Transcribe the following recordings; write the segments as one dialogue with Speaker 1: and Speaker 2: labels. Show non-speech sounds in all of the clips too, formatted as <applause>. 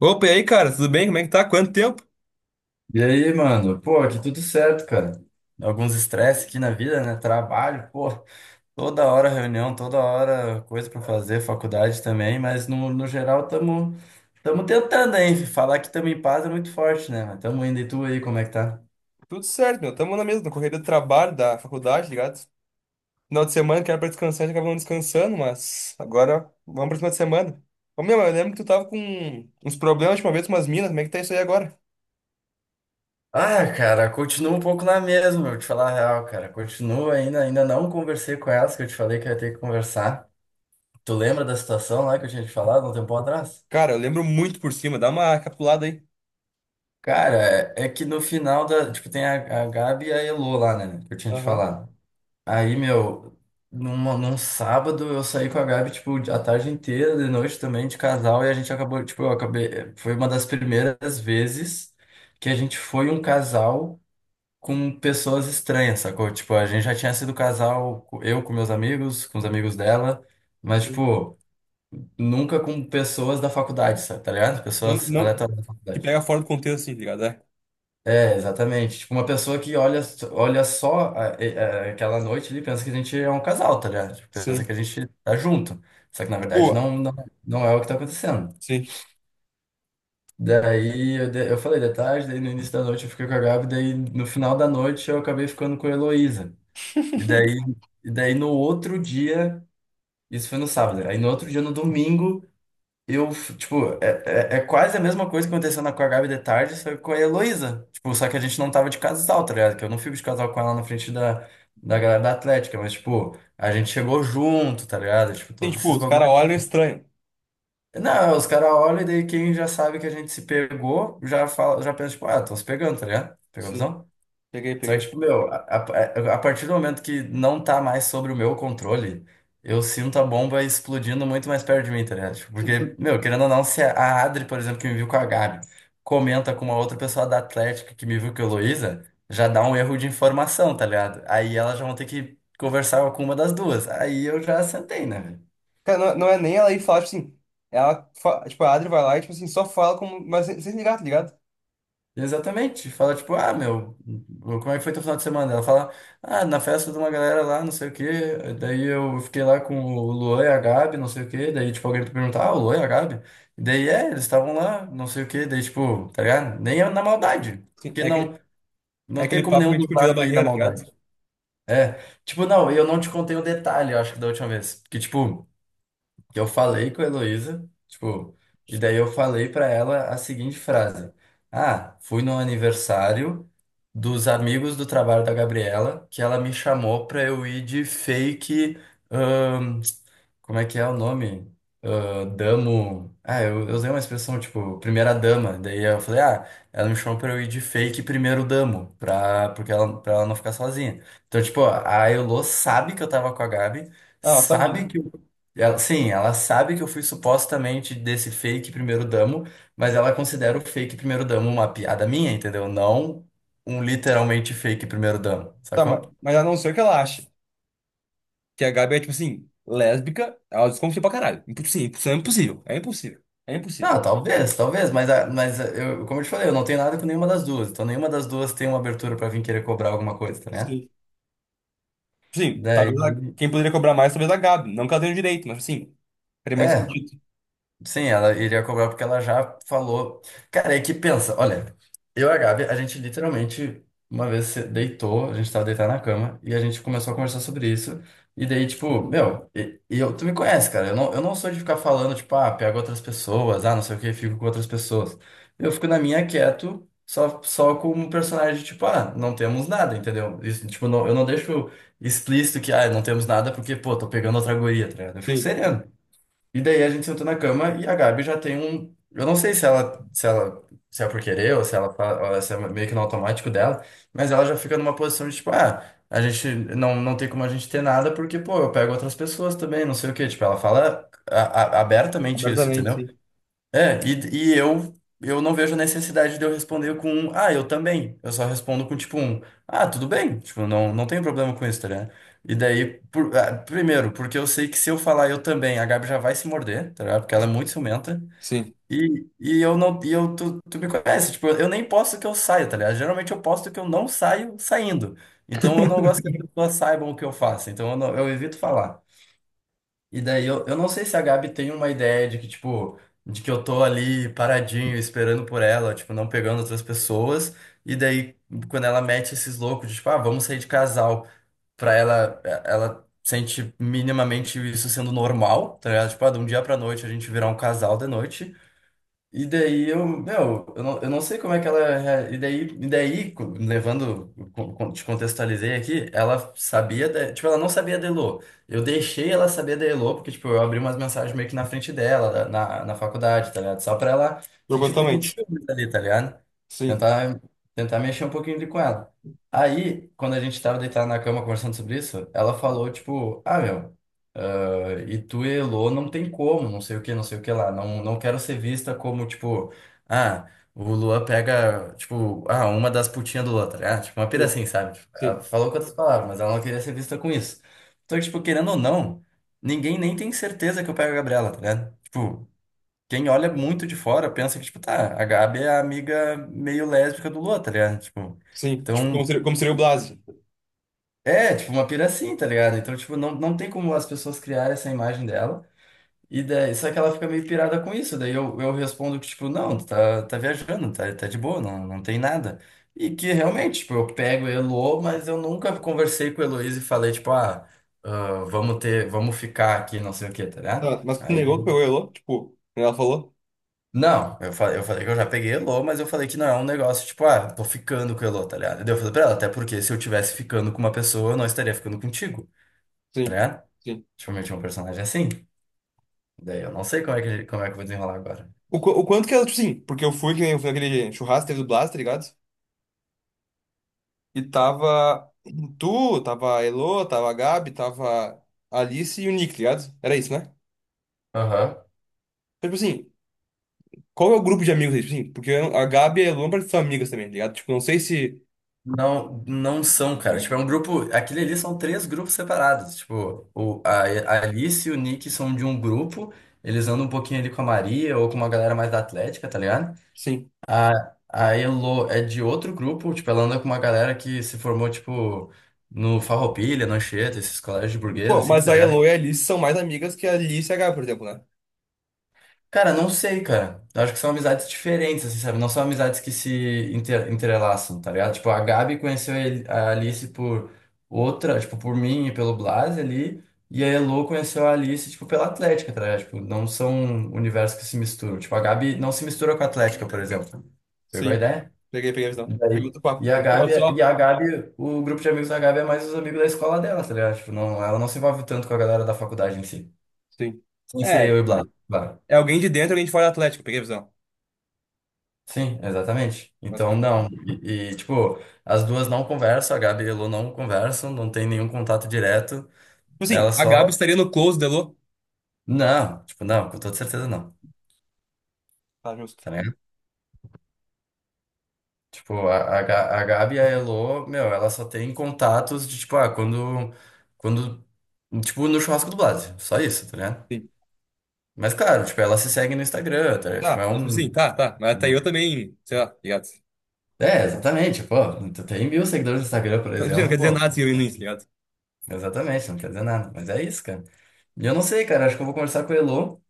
Speaker 1: Opa, e aí, cara, tudo bem? Como é que tá? Quanto tempo?
Speaker 2: E aí, mano? Pô, aqui tudo certo, cara. Alguns estresse aqui na vida, né? Trabalho, pô, toda hora reunião, toda hora coisa pra fazer, faculdade também, mas no geral tamo, tamo tentando, hein? Falar que tamo em paz é muito forte, né? Mas tamo indo. E tu aí, como é que tá?
Speaker 1: Tudo certo, meu. Tamo na mesma, correria do trabalho, da faculdade, tá ligado? Final de semana que era pra descansar, a gente acaba não descansando, mas agora vamos pra cima de semana. Ô, meu, eu lembro que tu tava com uns problemas de uma vez com umas minas, como é que tá isso aí agora?
Speaker 2: Ah, cara, continua um pouco na mesma, eu te falar a real, cara. Continua ainda não conversei com elas, que eu te falei que eu ia ter que conversar. Tu lembra da situação lá que eu tinha te falado um tempo atrás?
Speaker 1: Cara, eu lembro muito por cima, dá uma capulada aí.
Speaker 2: Cara, é que no final da. Tipo, tem a Gabi e a Elô lá, né? Que eu tinha te
Speaker 1: Aham,
Speaker 2: falado. Aí, meu, num sábado eu saí com a Gabi, tipo, a tarde inteira, de noite também, de casal, e a gente acabou, tipo, eu acabei. Foi uma das primeiras vezes que a gente foi um casal com pessoas estranhas, sacou? Tipo, a gente já tinha sido casal, eu com meus amigos, com os amigos dela, mas,
Speaker 1: sim.
Speaker 2: tipo, nunca com pessoas da faculdade, sabe? Tá ligado?
Speaker 1: Não,
Speaker 2: Pessoas
Speaker 1: não,
Speaker 2: aleatórias da
Speaker 1: que
Speaker 2: faculdade.
Speaker 1: pega fora do contexto, assim, ligado? É.
Speaker 2: É, exatamente. Tipo, uma pessoa que olha, olha só aquela noite ali pensa que a gente é um casal, tá ligado? Tipo, pensa que
Speaker 1: Sim.
Speaker 2: a gente tá junto. Só que na verdade
Speaker 1: Tipo,
Speaker 2: não é o que tá acontecendo.
Speaker 1: sim.
Speaker 2: Daí eu, eu falei de tarde, daí no início da noite eu fiquei com a Gabi, daí no final da noite eu acabei ficando com a Heloísa. E daí, e daí no outro dia, isso foi no sábado, aí no outro dia, no domingo. Eu, tipo, é quase a mesma coisa que aconteceu na, com a Gabi de tarde, só que com a Heloísa. Tipo, só que a gente não tava de casal, tá ligado? Que eu não fico de casal com ela na frente da galera da Atlética, mas, tipo, a gente chegou junto, tá ligado? Tipo,
Speaker 1: Tem,
Speaker 2: todos
Speaker 1: tipo,
Speaker 2: esses
Speaker 1: os caras
Speaker 2: bagulhos.
Speaker 1: olham estranho.
Speaker 2: Não, os caras olham e daí quem já sabe que a gente se pegou, já fala, já pensa, tipo, ah, tô se pegando, tá ligado? Pegou a
Speaker 1: Sim,
Speaker 2: visão?
Speaker 1: peguei,
Speaker 2: Só que,
Speaker 1: peguei.
Speaker 2: tipo, meu, a partir do momento que não tá mais sobre o meu controle, eu sinto a bomba explodindo muito mais perto de mim, tá ligado? Tipo, porque, meu, querendo ou não, se a Adri, por exemplo, que me viu com a Gabi, comenta com uma outra pessoa da Atlética que me viu com a Heloísa, já dá um erro de informação, tá ligado? Aí elas já vão ter que conversar com uma das duas. Aí eu já sentei, né, velho?
Speaker 1: Cara, não, não é nem ela ir falar, tipo assim. Ela, tipo, a Adri vai lá e, tipo assim, só fala como. Mas sem, sem ligar, tá ligado?
Speaker 2: Exatamente. Fala, tipo, ah, meu, como é que foi teu final de semana? Ela fala, ah, na festa de uma galera lá, não sei o quê. Daí eu fiquei lá com o Luan e a Gabi, não sei o quê. Daí, tipo, alguém me perguntar, ah, o Luan e a Gabi? Daí, é, eles estavam lá, não sei o quê. Daí, tipo, tá ligado? Nem é na maldade.
Speaker 1: Sim.
Speaker 2: Porque não,
Speaker 1: É
Speaker 2: Não tem
Speaker 1: aquele
Speaker 2: como
Speaker 1: papo
Speaker 2: nenhum
Speaker 1: que a gente
Speaker 2: dos
Speaker 1: podia da
Speaker 2: lados ir na
Speaker 1: barreira, tá ligado?
Speaker 2: maldade. É, tipo, não, eu não te contei o detalhe, eu acho que da última vez. Que, tipo, que eu falei com a Heloísa, tipo, e daí eu falei pra ela a seguinte frase: ah, fui no aniversário dos amigos do trabalho da Gabriela, que ela me chamou pra eu ir de fake, como é que é o nome? Ah, damo. Ah, eu usei uma expressão tipo, primeira dama. Daí eu falei, ah, ela me chamou pra eu ir de fake primeiro damo, pra, porque ela, pra ela não ficar sozinha. Então, tipo, a Elô sabe que eu tava com a Gabi,
Speaker 1: Ah, ela sabe
Speaker 2: sabe
Speaker 1: disso.
Speaker 2: que. Eu- ela, sim, ela sabe que eu fui supostamente desse fake primeiro damo, mas ela considera o fake primeiro damo uma piada minha, entendeu? Não um literalmente fake primeiro damo,
Speaker 1: Tá, mas,
Speaker 2: sacou?
Speaker 1: mas ela não sei o que ela acha. Que a Gabi é, tipo assim, lésbica, ela desconfia pra caralho. Sim, isso é impossível. É impossível. É impossível.
Speaker 2: Não, talvez, talvez, mas, mas eu, como eu te falei, eu não tenho nada com nenhuma das duas. Então nenhuma das duas tem uma abertura pra vir querer cobrar alguma coisa, tá, né?
Speaker 1: Sim. Sim,
Speaker 2: Daí,
Speaker 1: talvez quem poderia cobrar mais, talvez a Gabi. Não que ela tenha o direito, mas assim, faria mais
Speaker 2: é,
Speaker 1: sentido.
Speaker 2: sim, ela iria cobrar porque ela já falou. Cara, é que pensa, olha, eu e a Gabi, a gente literalmente uma vez se deitou, a gente tava deitado na cama e a gente começou a conversar sobre isso. E daí, tipo, meu, e eu, tu me conhece, cara, eu não sou de ficar falando, tipo, ah, pego outras pessoas, ah, não sei o que, fico com outras pessoas. Eu fico na minha quieto, só com um personagem, tipo, ah, não temos nada, entendeu? Isso, tipo, não, eu não deixo explícito que, ah, não temos nada porque, pô, tô pegando outra guria, tá ligado? Eu fico
Speaker 1: Sim,
Speaker 2: sereno. E daí a gente sentou na cama e a Gabi já tem um. Eu não sei se ela, se é por querer ou se ela, ou se é meio que no automático dela, mas ela já fica numa posição de tipo, ah, a gente não tem como a gente ter nada porque, pô, eu pego outras pessoas também, não sei o quê. Tipo, ela fala abertamente isso,
Speaker 1: abertamente,
Speaker 2: entendeu?
Speaker 1: sim.
Speaker 2: É, e eu não vejo necessidade de eu responder com um, ah, eu também. Eu só respondo com tipo um, ah, tudo bem. Tipo, não, não tenho problema com isso, tá ligado? E daí, ah, primeiro, porque eu sei que se eu falar eu também, a Gabi já vai se morder, tá ligado? Porque ela é muito ciumenta.
Speaker 1: Sim,
Speaker 2: E eu não, e eu, tu me conhece, tipo, eu nem posto que eu saio, tá ligado? Geralmente eu posto que eu não saio saindo. Então eu não gosto que as pessoas saibam o que eu faço. Então eu, não- eu evito falar. E daí eu não sei se a Gabi tem uma ideia de que, tipo, de que eu tô ali paradinho, esperando por ela, tipo, não pegando outras pessoas. E daí, quando ela mete esses loucos de, tipo, ah, vamos sair de casal, pra ela, é, ela sente minimamente isso sendo normal, tá ligado? Tipo, ah, de um dia pra noite a gente virar um casal de noite. E daí eu, meu, eu não sei como é que ela. E daí, levando, te contextualizei aqui, ela sabia, tipo, ela não sabia da Elo. Eu deixei ela saber da Elo, porque, tipo, eu abri umas mensagens meio que na frente dela, na, na faculdade, tá ligado? Só pra ela sentir um pouquinho de
Speaker 1: propositalmente.
Speaker 2: ciúmes ali, tá ligado?
Speaker 1: Sim,
Speaker 2: Tentar, tentar mexer um pouquinho ali com ela. Aí, quando a gente tava deitado na cama conversando sobre isso, ela falou, tipo, ah, meu. E tu, e Elô, não tem como, não sei o que lá. Não, não quero ser vista como, tipo, ah, o Luan pega, tipo, ah, uma das putinhas do Luan, tá ligado? Tipo, uma pira
Speaker 1: sim,
Speaker 2: assim, sabe? Tipo, ela
Speaker 1: sim,
Speaker 2: falou com outras palavras, mas ela não queria ser vista com isso. Então, tipo, querendo ou não, ninguém nem tem certeza que eu pego a Gabriela, tá ligado? Tipo, quem olha muito de fora pensa que, tipo, tá, a Gabi é a amiga meio lésbica do Luan, tá ligado? Tipo,
Speaker 1: sim. Tipo,
Speaker 2: então,
Speaker 1: como seria o Blas?
Speaker 2: é, tipo, uma pira assim, tá ligado? Então, tipo, não, não tem como as pessoas criarem essa imagem dela. E daí, só que ela fica meio pirada com isso. Daí eu respondo que, tipo, não, tá viajando, tá de boa, não tem nada. E que realmente, tipo, eu pego o Elo, mas eu nunca conversei com a Heloísa e falei, tipo, ah, vamos ter, vamos ficar aqui, não sei o quê, tá ligado?
Speaker 1: Ah, mas tu
Speaker 2: Aí
Speaker 1: negou que
Speaker 2: eu-
Speaker 1: pegou Elô? Tipo, ela falou?
Speaker 2: não, eu falei que eu já peguei Elo, mas eu falei que não é um negócio, tipo, ah, tô ficando com o Elo, tá ligado? E daí eu falei pra ela, até porque se eu tivesse ficando com uma pessoa, eu não estaria ficando contigo, tá
Speaker 1: Sim,
Speaker 2: ligado?
Speaker 1: sim.
Speaker 2: Tipo, eu meti um personagem assim. Daí eu não sei como é que eu vou desenrolar agora.
Speaker 1: O, o quanto que ela, tipo, sim, porque eu fui, que nem eu fui naquele churrasco, que teve do Blas, tá ligado? E tava tu, tava a Elô, tava a Gabi, tava a Alice e o Nick, tá ligado? Era isso, né?
Speaker 2: Aham.
Speaker 1: Então, tipo assim, qual é o grupo de amigos aí, tipo assim? Porque a Gabi e a Elô não parecem ser amigas também, tá ligado? Tipo, não sei se.
Speaker 2: Não, não são, cara. Tipo, é um grupo. Aquele ali são três grupos separados. Tipo, a Alice e o Nick são de um grupo. Eles andam um pouquinho ali com a Maria ou com uma galera mais da Atlética, tá ligado?
Speaker 1: Sim.
Speaker 2: A, a Elo é de outro grupo. Tipo, ela anda com uma galera que se formou, tipo, no Farroupilha, no Anchieta, esses colégios de burguês,
Speaker 1: Pô,
Speaker 2: assim,
Speaker 1: mas
Speaker 2: tá
Speaker 1: a
Speaker 2: ligado?
Speaker 1: Elo e a Alice são mais amigas que a Alice e a Gabi, por exemplo, né?
Speaker 2: Cara, não sei, cara. Eu acho que são amizades diferentes, assim, sabe? Não são amizades que se entrelaçam, tá ligado? Tipo, a Gabi conheceu a Alice por outra, tipo, por mim e pelo Blas ali. E a Elo conheceu a Alice, tipo, pela Atlética, tá ligado? Tipo, não são universos que se misturam. Tipo, a Gabi não se mistura com a Atlética, por exemplo. Pegou a
Speaker 1: Sim.
Speaker 2: ideia?
Speaker 1: Peguei, peguei a
Speaker 2: E
Speaker 1: visão. Peguei
Speaker 2: daí-
Speaker 1: outro
Speaker 2: e
Speaker 1: papo.
Speaker 2: a
Speaker 1: É
Speaker 2: Gabi, e
Speaker 1: só.
Speaker 2: a Gabi, o grupo de amigos da Gabi é mais os amigos da escola dela, tá ligado? Tipo, não, ela não se envolve tanto com a galera da faculdade em si.
Speaker 1: Sim.
Speaker 2: Sem ser
Speaker 1: É.
Speaker 2: eu e Blas, claro.
Speaker 1: É alguém de dentro e alguém de fora do Atlético, peguei a visão.
Speaker 2: Sim, exatamente. Então,
Speaker 1: Basicamente.
Speaker 2: não. E tipo, as duas não conversam, a Gabi e a Lu não conversam, não tem nenhum contato direto.
Speaker 1: Tipo assim,
Speaker 2: Ela
Speaker 1: a
Speaker 2: só.
Speaker 1: Gabi estaria no close, Delô.
Speaker 2: Não, tipo, não, com toda certeza não.
Speaker 1: Tá justo.
Speaker 2: Tá ligado? Tipo, a Gabi e a Elo, meu, ela só tem contatos de, tipo, ah, quando. Quando. Tipo, no churrasco do Blase. Só isso, tá ligado?
Speaker 1: Sim.
Speaker 2: Mas, claro, tipo, ela se segue no Instagram, tá ligado? Tipo,
Speaker 1: Tá,
Speaker 2: é
Speaker 1: mas tipo
Speaker 2: um.
Speaker 1: assim, tá, tá. Mas até eu também, sei lá, ligado?
Speaker 2: É, exatamente, pô. Tu tem 1.000 seguidores no Instagram, por
Speaker 1: Mas, tipo assim, não quer
Speaker 2: exemplo,
Speaker 1: dizer
Speaker 2: pô.
Speaker 1: nada se eu ir no início, ligado?
Speaker 2: Exatamente, não quer dizer nada. Mas é isso, cara. E eu não sei, cara, acho que eu vou conversar com a Elo.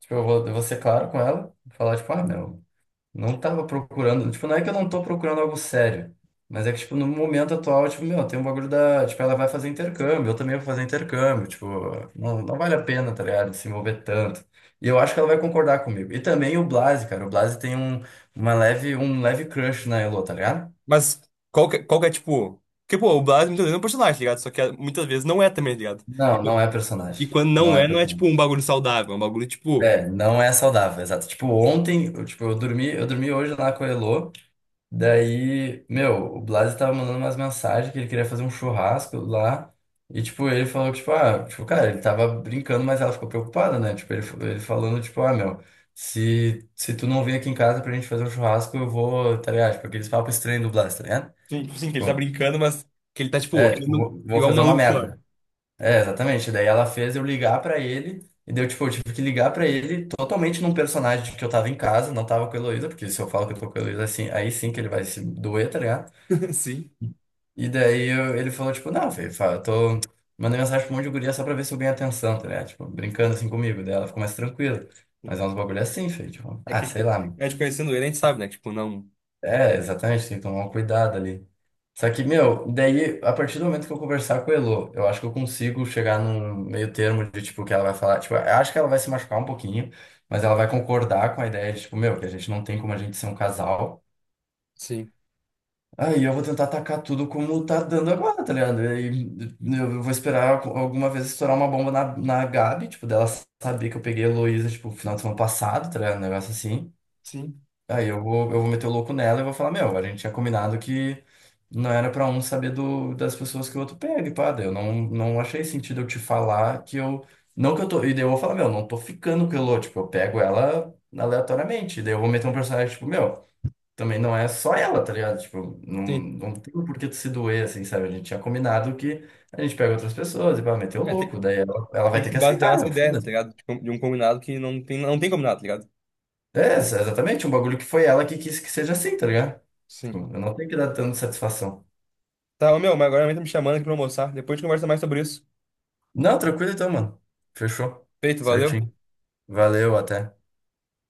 Speaker 2: Tipo, eu vou ser claro com ela. Falar, tipo, ah, meu, não tava procurando. Tipo, não é que eu não tô procurando algo sério. Mas é que, tipo, no momento atual, tipo, meu, tem um bagulho da. Tipo, ela vai fazer intercâmbio, eu também vou fazer intercâmbio. Tipo, não vale a pena, tá ligado? Se envolver tanto. E eu acho que ela vai concordar comigo. E também o Blase, cara. O Blase tem um, uma leve, um leve crush na Elo, tá ligado?
Speaker 1: Mas qual que é, tipo. Porque, pô, o Blas muitas vezes é um personagem, ligado? Só que ah, muitas vezes não é também, ligado?
Speaker 2: Não é
Speaker 1: E
Speaker 2: personagem.
Speaker 1: quando
Speaker 2: Não
Speaker 1: não
Speaker 2: é
Speaker 1: é, não é tipo
Speaker 2: personagem.
Speaker 1: um bagulho saudável, é um bagulho tipo.
Speaker 2: É, não é saudável, exato. Tipo, ontem, eu, tipo, eu dormi hoje lá com a Elo. Daí, meu, o Blasi tava mandando umas mensagens que ele queria fazer um churrasco lá. E, tipo, ele falou que, tipo, ah, tipo, cara, ele tava brincando, mas ela ficou preocupada, né? Tipo, ele falando, tipo, ah, meu, se tu não vir aqui em casa pra gente fazer um churrasco, eu vou, tá ligado? Tipo, aqueles papos estranhos do Blasi, tá ligado?
Speaker 1: Sim, tipo assim, que ele tá
Speaker 2: Tipo,
Speaker 1: brincando, mas que ele tá, tipo,
Speaker 2: é, tipo,
Speaker 1: indo
Speaker 2: vou
Speaker 1: igual um
Speaker 2: fazer uma
Speaker 1: maluco só.
Speaker 2: merda. É, exatamente. Daí ela fez eu ligar pra ele. E daí, eu, tipo, eu tive que ligar pra ele totalmente num personagem de que eu tava em casa, não tava com a Heloísa, porque se eu falo que eu tô com a Heloísa, assim, aí sim que ele vai se doer, tá ligado?
Speaker 1: <laughs> Sim.
Speaker 2: E daí ele falou, tipo, não, Fê, eu tô mandando mensagem pra um monte de guria só pra ver se eu ganho atenção, tá ligado? Tipo, brincando assim comigo. Daí ela ficou mais tranquila. Mas é uns bagulho assim, Fê, tipo,
Speaker 1: É
Speaker 2: ah,
Speaker 1: que, é,
Speaker 2: sei lá, meu.
Speaker 1: tipo, conhecendo ele, a gente sabe, né? Tipo, não.
Speaker 2: É, exatamente, tem que tomar um cuidado ali. Só que, meu, daí, a partir do momento que eu conversar com a Elô, eu acho que eu consigo chegar num meio termo de, tipo, que ela vai falar, tipo, eu acho que ela vai se machucar um pouquinho, mas ela vai concordar com a ideia de, tipo, meu, que a gente não tem como a gente ser um casal.
Speaker 1: Sim.
Speaker 2: Aí eu vou tentar atacar tudo como tá dando agora, tá ligado? E aí eu vou esperar alguma vez estourar uma bomba na, na Gabi, tipo, dela saber que eu peguei a Heloísa, tipo, no final de semana passado, tá ligado? Um negócio assim.
Speaker 1: Sim.
Speaker 2: Aí eu vou meter o louco nela e vou falar, meu, a gente tinha combinado que não era pra um saber do, das pessoas que o outro pega, e pá, daí eu não achei sentido eu te falar que eu. Não que eu tô. E daí eu vou falar, meu, não tô ficando com a Elo, tipo, eu pego ela aleatoriamente. E daí eu vou meter um personagem, tipo, meu também não é só ela, tá ligado? Tipo, não,
Speaker 1: Sim.
Speaker 2: não tem por que tu se doer, assim, sabe? A gente tinha combinado que a gente pega outras pessoas e vai meter o
Speaker 1: É,
Speaker 2: louco, daí ela
Speaker 1: tem
Speaker 2: vai
Speaker 1: que
Speaker 2: ter
Speaker 1: se
Speaker 2: que
Speaker 1: basear
Speaker 2: aceitar,
Speaker 1: nessa
Speaker 2: meu,
Speaker 1: ideia, tá
Speaker 2: foda-se.
Speaker 1: ligado? De um combinado que não tem, não tem combinado, tá ligado?
Speaker 2: É, exatamente, um bagulho que foi ela que quis que seja assim, tá ligado? Tipo,
Speaker 1: Sim.
Speaker 2: eu não tenho que dar tanta satisfação.
Speaker 1: Tá, ô meu, mas agora a mãe tá me chamando aqui pra almoçar. Depois a gente conversa mais sobre isso.
Speaker 2: Não, tranquilo então, mano. Fechou.
Speaker 1: Feito,
Speaker 2: Certinho.
Speaker 1: valeu.
Speaker 2: Valeu, até.